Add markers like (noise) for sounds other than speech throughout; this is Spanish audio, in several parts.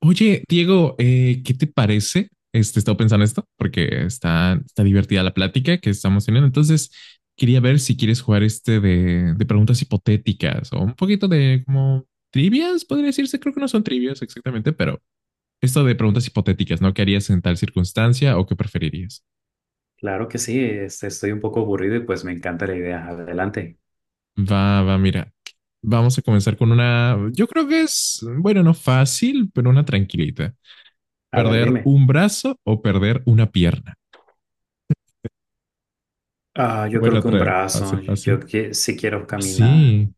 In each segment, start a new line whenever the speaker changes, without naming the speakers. Oye, Diego, ¿qué te parece? Este, estaba pensando esto porque está divertida la plática que estamos teniendo. Entonces, quería ver si quieres jugar este de preguntas hipotéticas o un poquito de como trivias, podría decirse. Creo que no son trivias exactamente, pero esto de preguntas hipotéticas, ¿no? ¿Qué harías en tal circunstancia o qué preferirías?
Claro que sí, este, estoy un poco aburrido y pues me encanta la idea. Adelante.
Va, va, mira. Vamos a comenzar con una, yo creo que es, bueno, no fácil, pero una tranquilita.
A ver,
¿Perder
dime.
un brazo o perder una pierna?
Ah,
(laughs)
yo
Bueno,
creo que un
otra vez.
brazo.
Fácil, fácil.
Yo, que sí quiero
Ah,
caminar.
sí.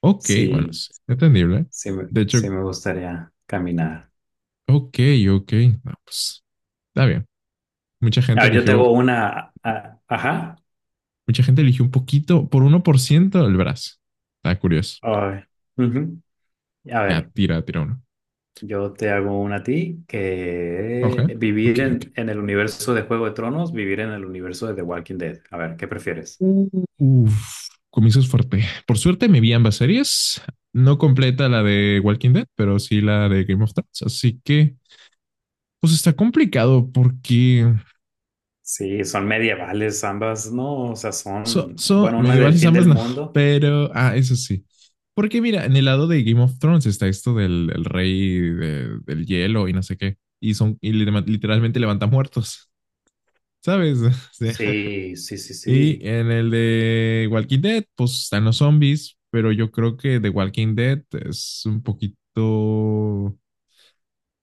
Ok, bueno,
Sí,
sí. Entendible.
sí,
De hecho,
sí me gustaría caminar.
ok, ok. No, pues, está bien. Mucha
A
gente
ver, yo te hago
eligió,
una. Ajá.
mucha gente eligió un poquito, por uno por ciento el brazo. Está curioso.
Ay, ujú. A
Ya,
ver,
tira, tira uno.
yo te hago una a ti:
Ok,
que vivir
ok, ok.
en el universo de Juego de Tronos, vivir en el universo de The Walking Dead. A ver, ¿qué prefieres?
Uf, comienzas fuerte. Por suerte me vi ambas series. No completa la de Walking Dead, pero sí la de Game of Thrones. Así que, pues está complicado porque
Sí, son medievales ambas, ¿no? O sea, son, bueno, una es del
Medievales
fin
ambas, (laughs)
del
no,
mundo.
pero, ah, eso sí. Porque mira, en el lado de Game of Thrones está esto del rey del hielo y no sé qué. Y son, y literalmente levanta muertos, ¿sabes? (laughs) O sea,
Sí, sí, sí,
y
sí.
en el de Walking Dead, pues están los zombies, pero yo creo que The Walking Dead es un poquito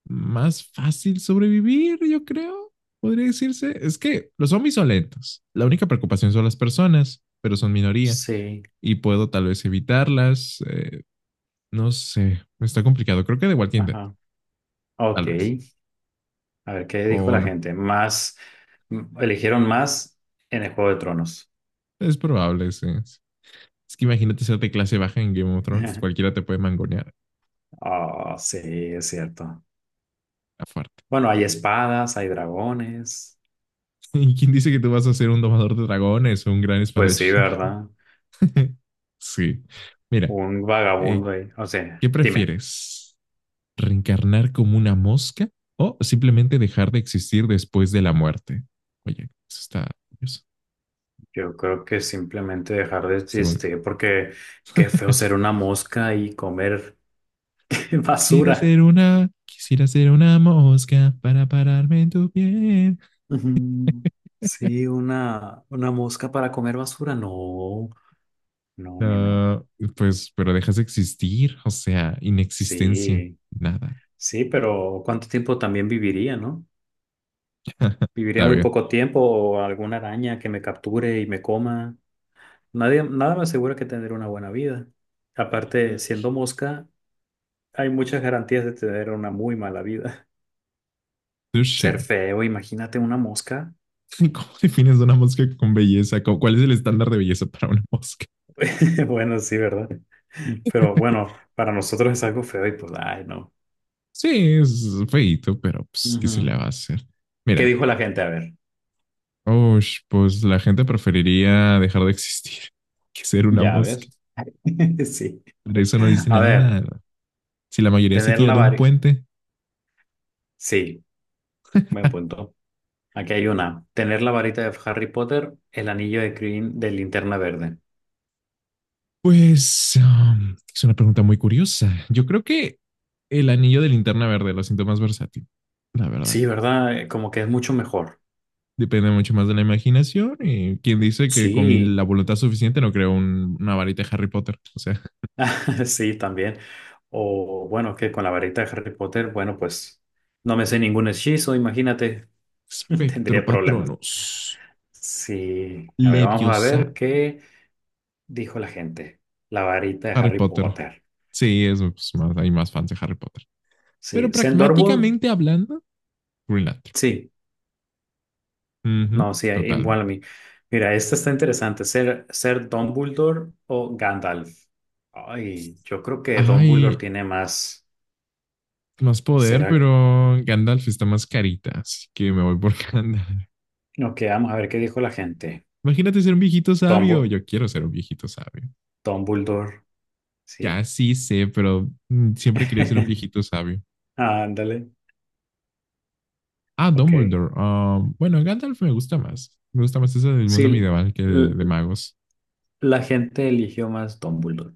más fácil sobrevivir, yo creo, podría decirse. Es que los zombies son lentos. La única preocupación son las personas, pero son minoría
Sí.
y puedo tal vez evitarlas. No sé, está complicado. Creo que de Walking Dead,
Ajá. Ok.
tal vez.
A ver, ¿qué dijo
O
la
no,
gente? Más, eligieron más en el Juego de Tronos.
es probable. Sí, sí. Es que imagínate ser de clase baja en Game of Thrones,
(laughs)
cualquiera te puede mangonear
Oh, sí, es cierto.
a fuerte.
Bueno, hay espadas, hay dragones.
(laughs) ¿Y quién dice que tú vas a ser un domador de dragones o un gran
Pues sí,
espadachín?
¿verdad?
(laughs) Sí. Mira,
Un
eh,
vagabundo ahí. O sea,
¿qué
dime.
prefieres? ¿Reencarnar como una mosca o simplemente dejar de existir después de la muerte? Oye, eso está curioso.
Yo creo que simplemente dejar de
Está bueno.
existir porque qué feo
(laughs)
ser una mosca y comer (laughs) basura.
Quisiera ser una mosca para pararme en tu piel.
Ujú. Sí, una mosca para comer basura. No, no, no, no.
Ah, pues, pero dejas de existir, o sea, inexistencia,
Sí,
nada.
sí, pero ¿cuánto tiempo también viviría, no?
(laughs)
Viviría
Está
muy
bien.
poco tiempo o alguna araña que me capture y me coma. Nadie, nada me asegura que tendré una buena vida. Aparte,
Mm.
siendo mosca, hay muchas garantías de tener una muy mala vida. (laughs) Ser
Touché.
feo, imagínate una mosca.
(laughs) ¿Cómo defines una mosca con belleza? ¿Cuál es el estándar de belleza para una mosca?
(laughs) Bueno, sí, ¿verdad? Pero bueno, para nosotros es algo feo y pues, ay, no.
Sí, es feíto, pero pues, ¿qué se le
Ujú.
va a hacer?
¿Qué
Mira,
dijo la gente? A ver.
ush, pues la gente preferiría dejar de existir (laughs) que ser una
Ya
mosca.
ves. (laughs) Sí.
Pero eso no dice
A ver,
nada. Si la mayoría se
tener
tira
la
de un
varita.
puente,
Sí, buen punto. Aquí hay una. Tener la varita de Harry Potter, el anillo de Green de Linterna Verde.
pues es una pregunta muy curiosa. Yo creo que el anillo de linterna verde lo siento más versátil, la verdad.
Sí, ¿verdad? Como que es mucho mejor.
Depende mucho más de la imaginación y quien dice que con
Sí,
la voluntad suficiente no creo una varita de Harry Potter. O sea, (laughs)
(laughs) sí, también. O bueno, que con la varita de Harry Potter, bueno, pues no me sé ningún hechizo, imagínate. (laughs) Tendría
espectro,
problemas.
patronos,
Sí. A ver, vamos a ver
leviosa,
qué dijo la gente. La varita de
Harry
Harry
Potter.
Potter.
Sí, es pues, más, hay más fans de Harry Potter.
Sí.
Pero
Sendorbook.
pragmáticamente hablando, Green Lantern.
Sí.
Ujú,
No, sí, igual a
totalmente.
mí. Mira, esta está interesante. ¿Ser Dumbledore o Gandalf? Ay, yo creo que Dumbledore
Ay,
tiene más.
más poder,
¿Será?
pero Gandalf está más carita, así que me voy por (laughs) Gandalf.
Ok, vamos a ver qué dijo la gente.
Imagínate ser un viejito sabio.
Dumbo-
Yo quiero ser un viejito sabio.
Dumbledore,
Ya
sí.
sí sé, pero mm, siempre quería ser un
(laughs)
viejito sabio.
Ándale.
Ah,
Ok.
Dumbledore. Ah, bueno, Gandalf me gusta más. Me gusta más eso del mundo
Sí,
medieval que de
l-
magos.
la gente eligió más Dumbledore.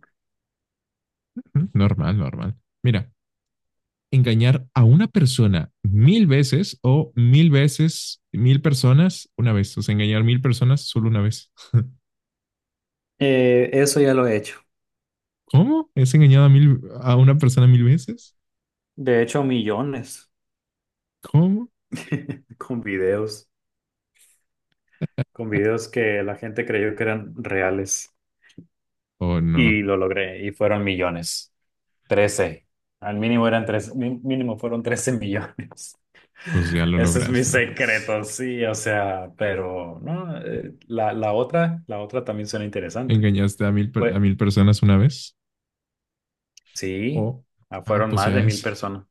Ujú, normal, normal. Mira, engañar a una persona mil veces o mil veces, mil personas una vez. O sea, engañar mil personas solo una vez.
Eso ya lo he hecho.
¿Cómo? ¿Es engañado a mil, a una persona mil veces?
De hecho, millones.
¿Cómo?
(laughs) Con videos. Con videos que la gente creyó que eran reales.
O no,
Y lo logré, y fueron millones. Trece Al mínimo eran tres, mínimo fueron 13 millones.
pues ya
(laughs)
lo
Ese es mi
lograste, entonces.
secreto, sí, o sea, pero no, la otra, la otra también suena interesante.
¿Engañaste a mil, a
Fue,
mil personas una vez?
sí,
O,
ah,
ah,
fueron
pues
más
ya
de mil
es,
personas.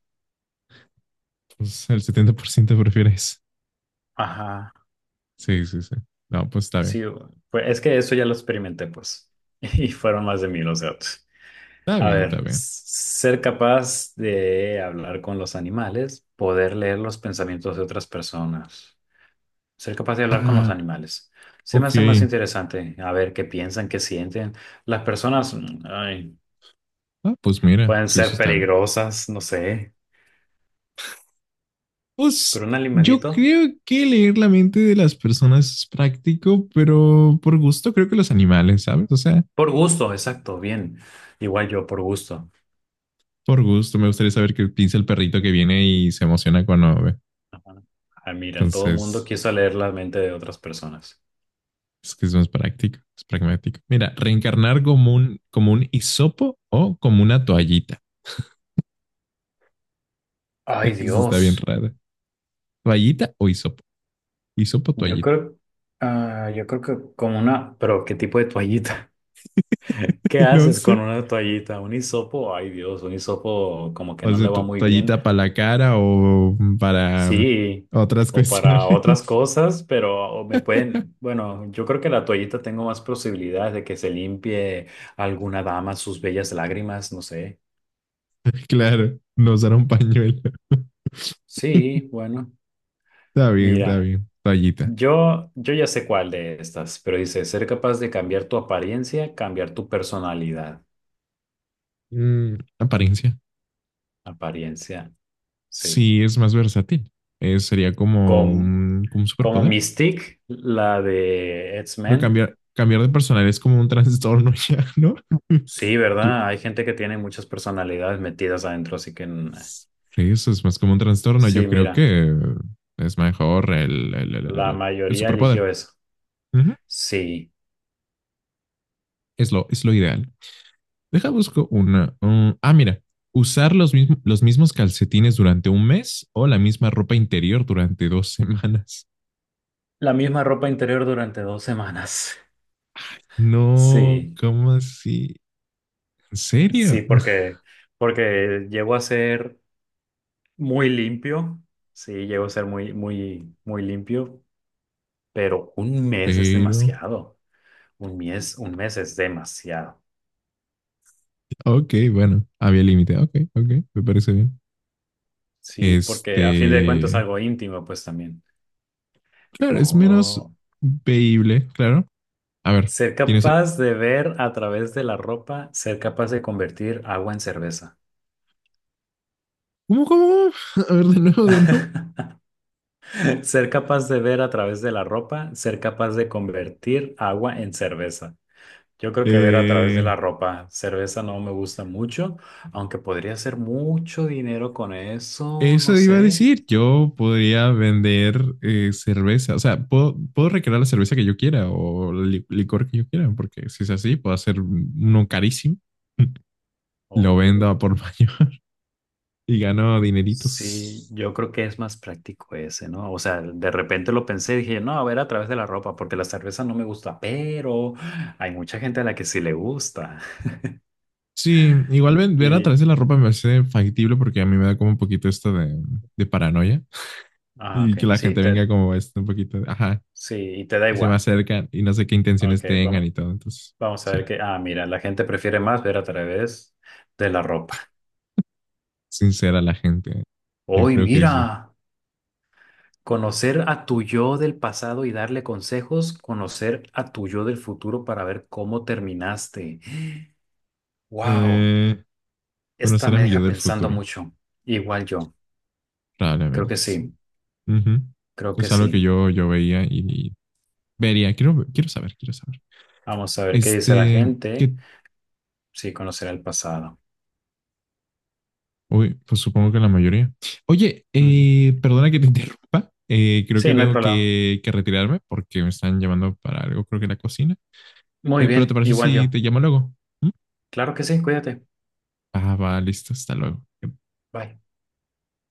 pues el 70% prefiere eso.
Ajá,
Sí, sí, sí. No, pues está bien.
sí, es que eso ya lo experimenté, pues, (laughs) y fueron más de 1000, o sea, pues.
Está
A
bien,
ver,
está bien.
ser capaz de hablar con los animales, poder leer los pensamientos de otras personas. Ser capaz de hablar con los
Ah,
animales. Se me
ok.
hace más interesante a ver qué piensan, qué sienten. Las personas, mm, ay,
Ah, pues mira,
pueden
sí, eso
ser
está bien.
peligrosas, no sé, pero
Pues
un
yo
animalito,
creo que leer la mente de las personas es práctico, pero por gusto creo que los animales, ¿sabes? O sea,
por gusto, exacto, bien. Igual yo, por gusto.
por gusto. Me gustaría saber qué piensa el perrito que viene y se emociona cuando ve.
Ah, mira, todo el mundo
Entonces,
quiso leer la mente de otras personas.
es que es más práctico, es pragmático. Mira, reencarnar como un hisopo o como una toallita.
Ay,
(laughs) Eso está bien
Dios.
raro. ¿Toallita o hisopo? Hisopo,
Yo
toallita.
creo, ah, yo creo que con una, pero ¿qué tipo de toallita? (laughs) ¿Qué
(laughs) No
haces con
sé.
una toallita? Un hisopo, ay Dios, un hisopo como que
O
no le
sea,
va muy bien.
toallita para la cara o para
Sí,
otras
o para otras
cuestiones.
cosas, pero o me
(laughs)
pueden, bueno, yo creo que la toallita tengo más posibilidades de que se limpie alguna dama sus bellas lágrimas, no sé.
Claro, no usar un pañuelo. (laughs)
Sí, bueno,
Está bien, está
mira,
bien. Toallita.
yo ya sé cuál de estas, pero dice, ser capaz de cambiar tu apariencia, cambiar tu personalidad.
Mm, apariencia.
Apariencia, sí.
Sí, es más versátil. Sería
Como,
como un
como
superpoder.
Mystique, la de
Pero
X-Men.
cambiar, cambiar de personal es como un (laughs) trastorno ya, ¿no?
Sí,
Yo-
¿verdad? Hay gente que tiene muchas personalidades metidas adentro, así que... mm,
Sí, eso es más como un trastorno. Yo
sí,
creo
mira.
que es mejor
La
el
mayoría
superpoder.
eligió eso.
Ujú.
Sí.
Es lo ideal. Deja, busco una. Mm, ah, mira. Usar los mismos calcetines durante un mes o la misma ropa interior durante dos (laughs) semanas.
La misma ropa interior durante dos semanas. (laughs)
No,
Sí.
¿cómo así? ¿En
Sí,
serio?
porque, porque llegó a ser muy limpio. Sí, llegó a ser muy, muy, muy limpio. Pero un mes es
Pero,
demasiado. Un mes es demasiado.
ok, bueno, había límite. Ok, ok, me parece bien.
Sí, porque a fin de cuentas es
Este,
algo íntimo, pues también.
claro, es menos
Oh.
veíble, claro. A ver,
Ser
¿tienes
capaz de ver a través de la ropa, ser capaz de convertir agua en cerveza.
¿cómo, cómo? ¿Cómo? (laughs) A ver, de nuevo, de nuevo.
(laughs) Ser capaz de ver a través de la ropa, ser capaz de convertir agua en cerveza. Yo creo que ver a través de
Eh,
la ropa, cerveza no me gusta mucho, aunque podría hacer mucho dinero con eso, no
eso iba a
sé.
decir, yo podría vender cerveza, o sea, puedo, puedo recrear la cerveza que yo quiera o el licor que yo quiera, porque si es así, puedo hacer uno carísimo, (laughs) lo
Oh,
vendo a por mayor (laughs) y gano
sí,
dineritos.
yo creo que es más práctico ese, ¿no? O sea, de repente lo pensé, y dije, no, a ver a través de la ropa, porque la cerveza no me gusta, pero hay mucha gente a la que sí le gusta. (laughs)
Sí, igual ver a
Y,
través de la ropa me parece factible porque a mí me da como un poquito esto de paranoia
ah,
y que
ok,
la
sí,
gente venga
te,
como esto un poquito, ajá,
sí, y te da
y se me
igual.
acercan y no sé qué
Ok,
intenciones tengan y
vamos.
todo, entonces,
Vamos a
sí.
ver qué. Ah, mira, la gente prefiere más ver a través de la ropa.
Sincera la gente. Yo
Hoy,
creo que sí.
mira, conocer a tu yo del pasado y darle consejos, conocer a tu yo del futuro para ver cómo terminaste. (gasps) Wow,
Eh,
esta
conocer a
me
mi yo
deja
del
pensando
futuro.
mucho. Igual yo, creo que
Probablemente sí.
sí,
Ujú.
creo que
Es algo que
sí.
yo veía y vería. Quiero, quiero saber, quiero saber.
Vamos a ver qué dice la
Este, que,
gente. Sí, conocer el pasado.
uy, pues supongo que la mayoría. Oye,
Ujú.
perdona que te (laughs) interrumpa. Creo que
Sí, no hay
tengo
problema.
que retirarme porque me están llamando para algo, creo que la cocina.
Muy
Pero ¿te
bien,
parece
igual
si
yo.
te llamo luego? ¿Mm?
Claro que sí, cuídate.
Ah, va, listo, hasta luego.
Bye.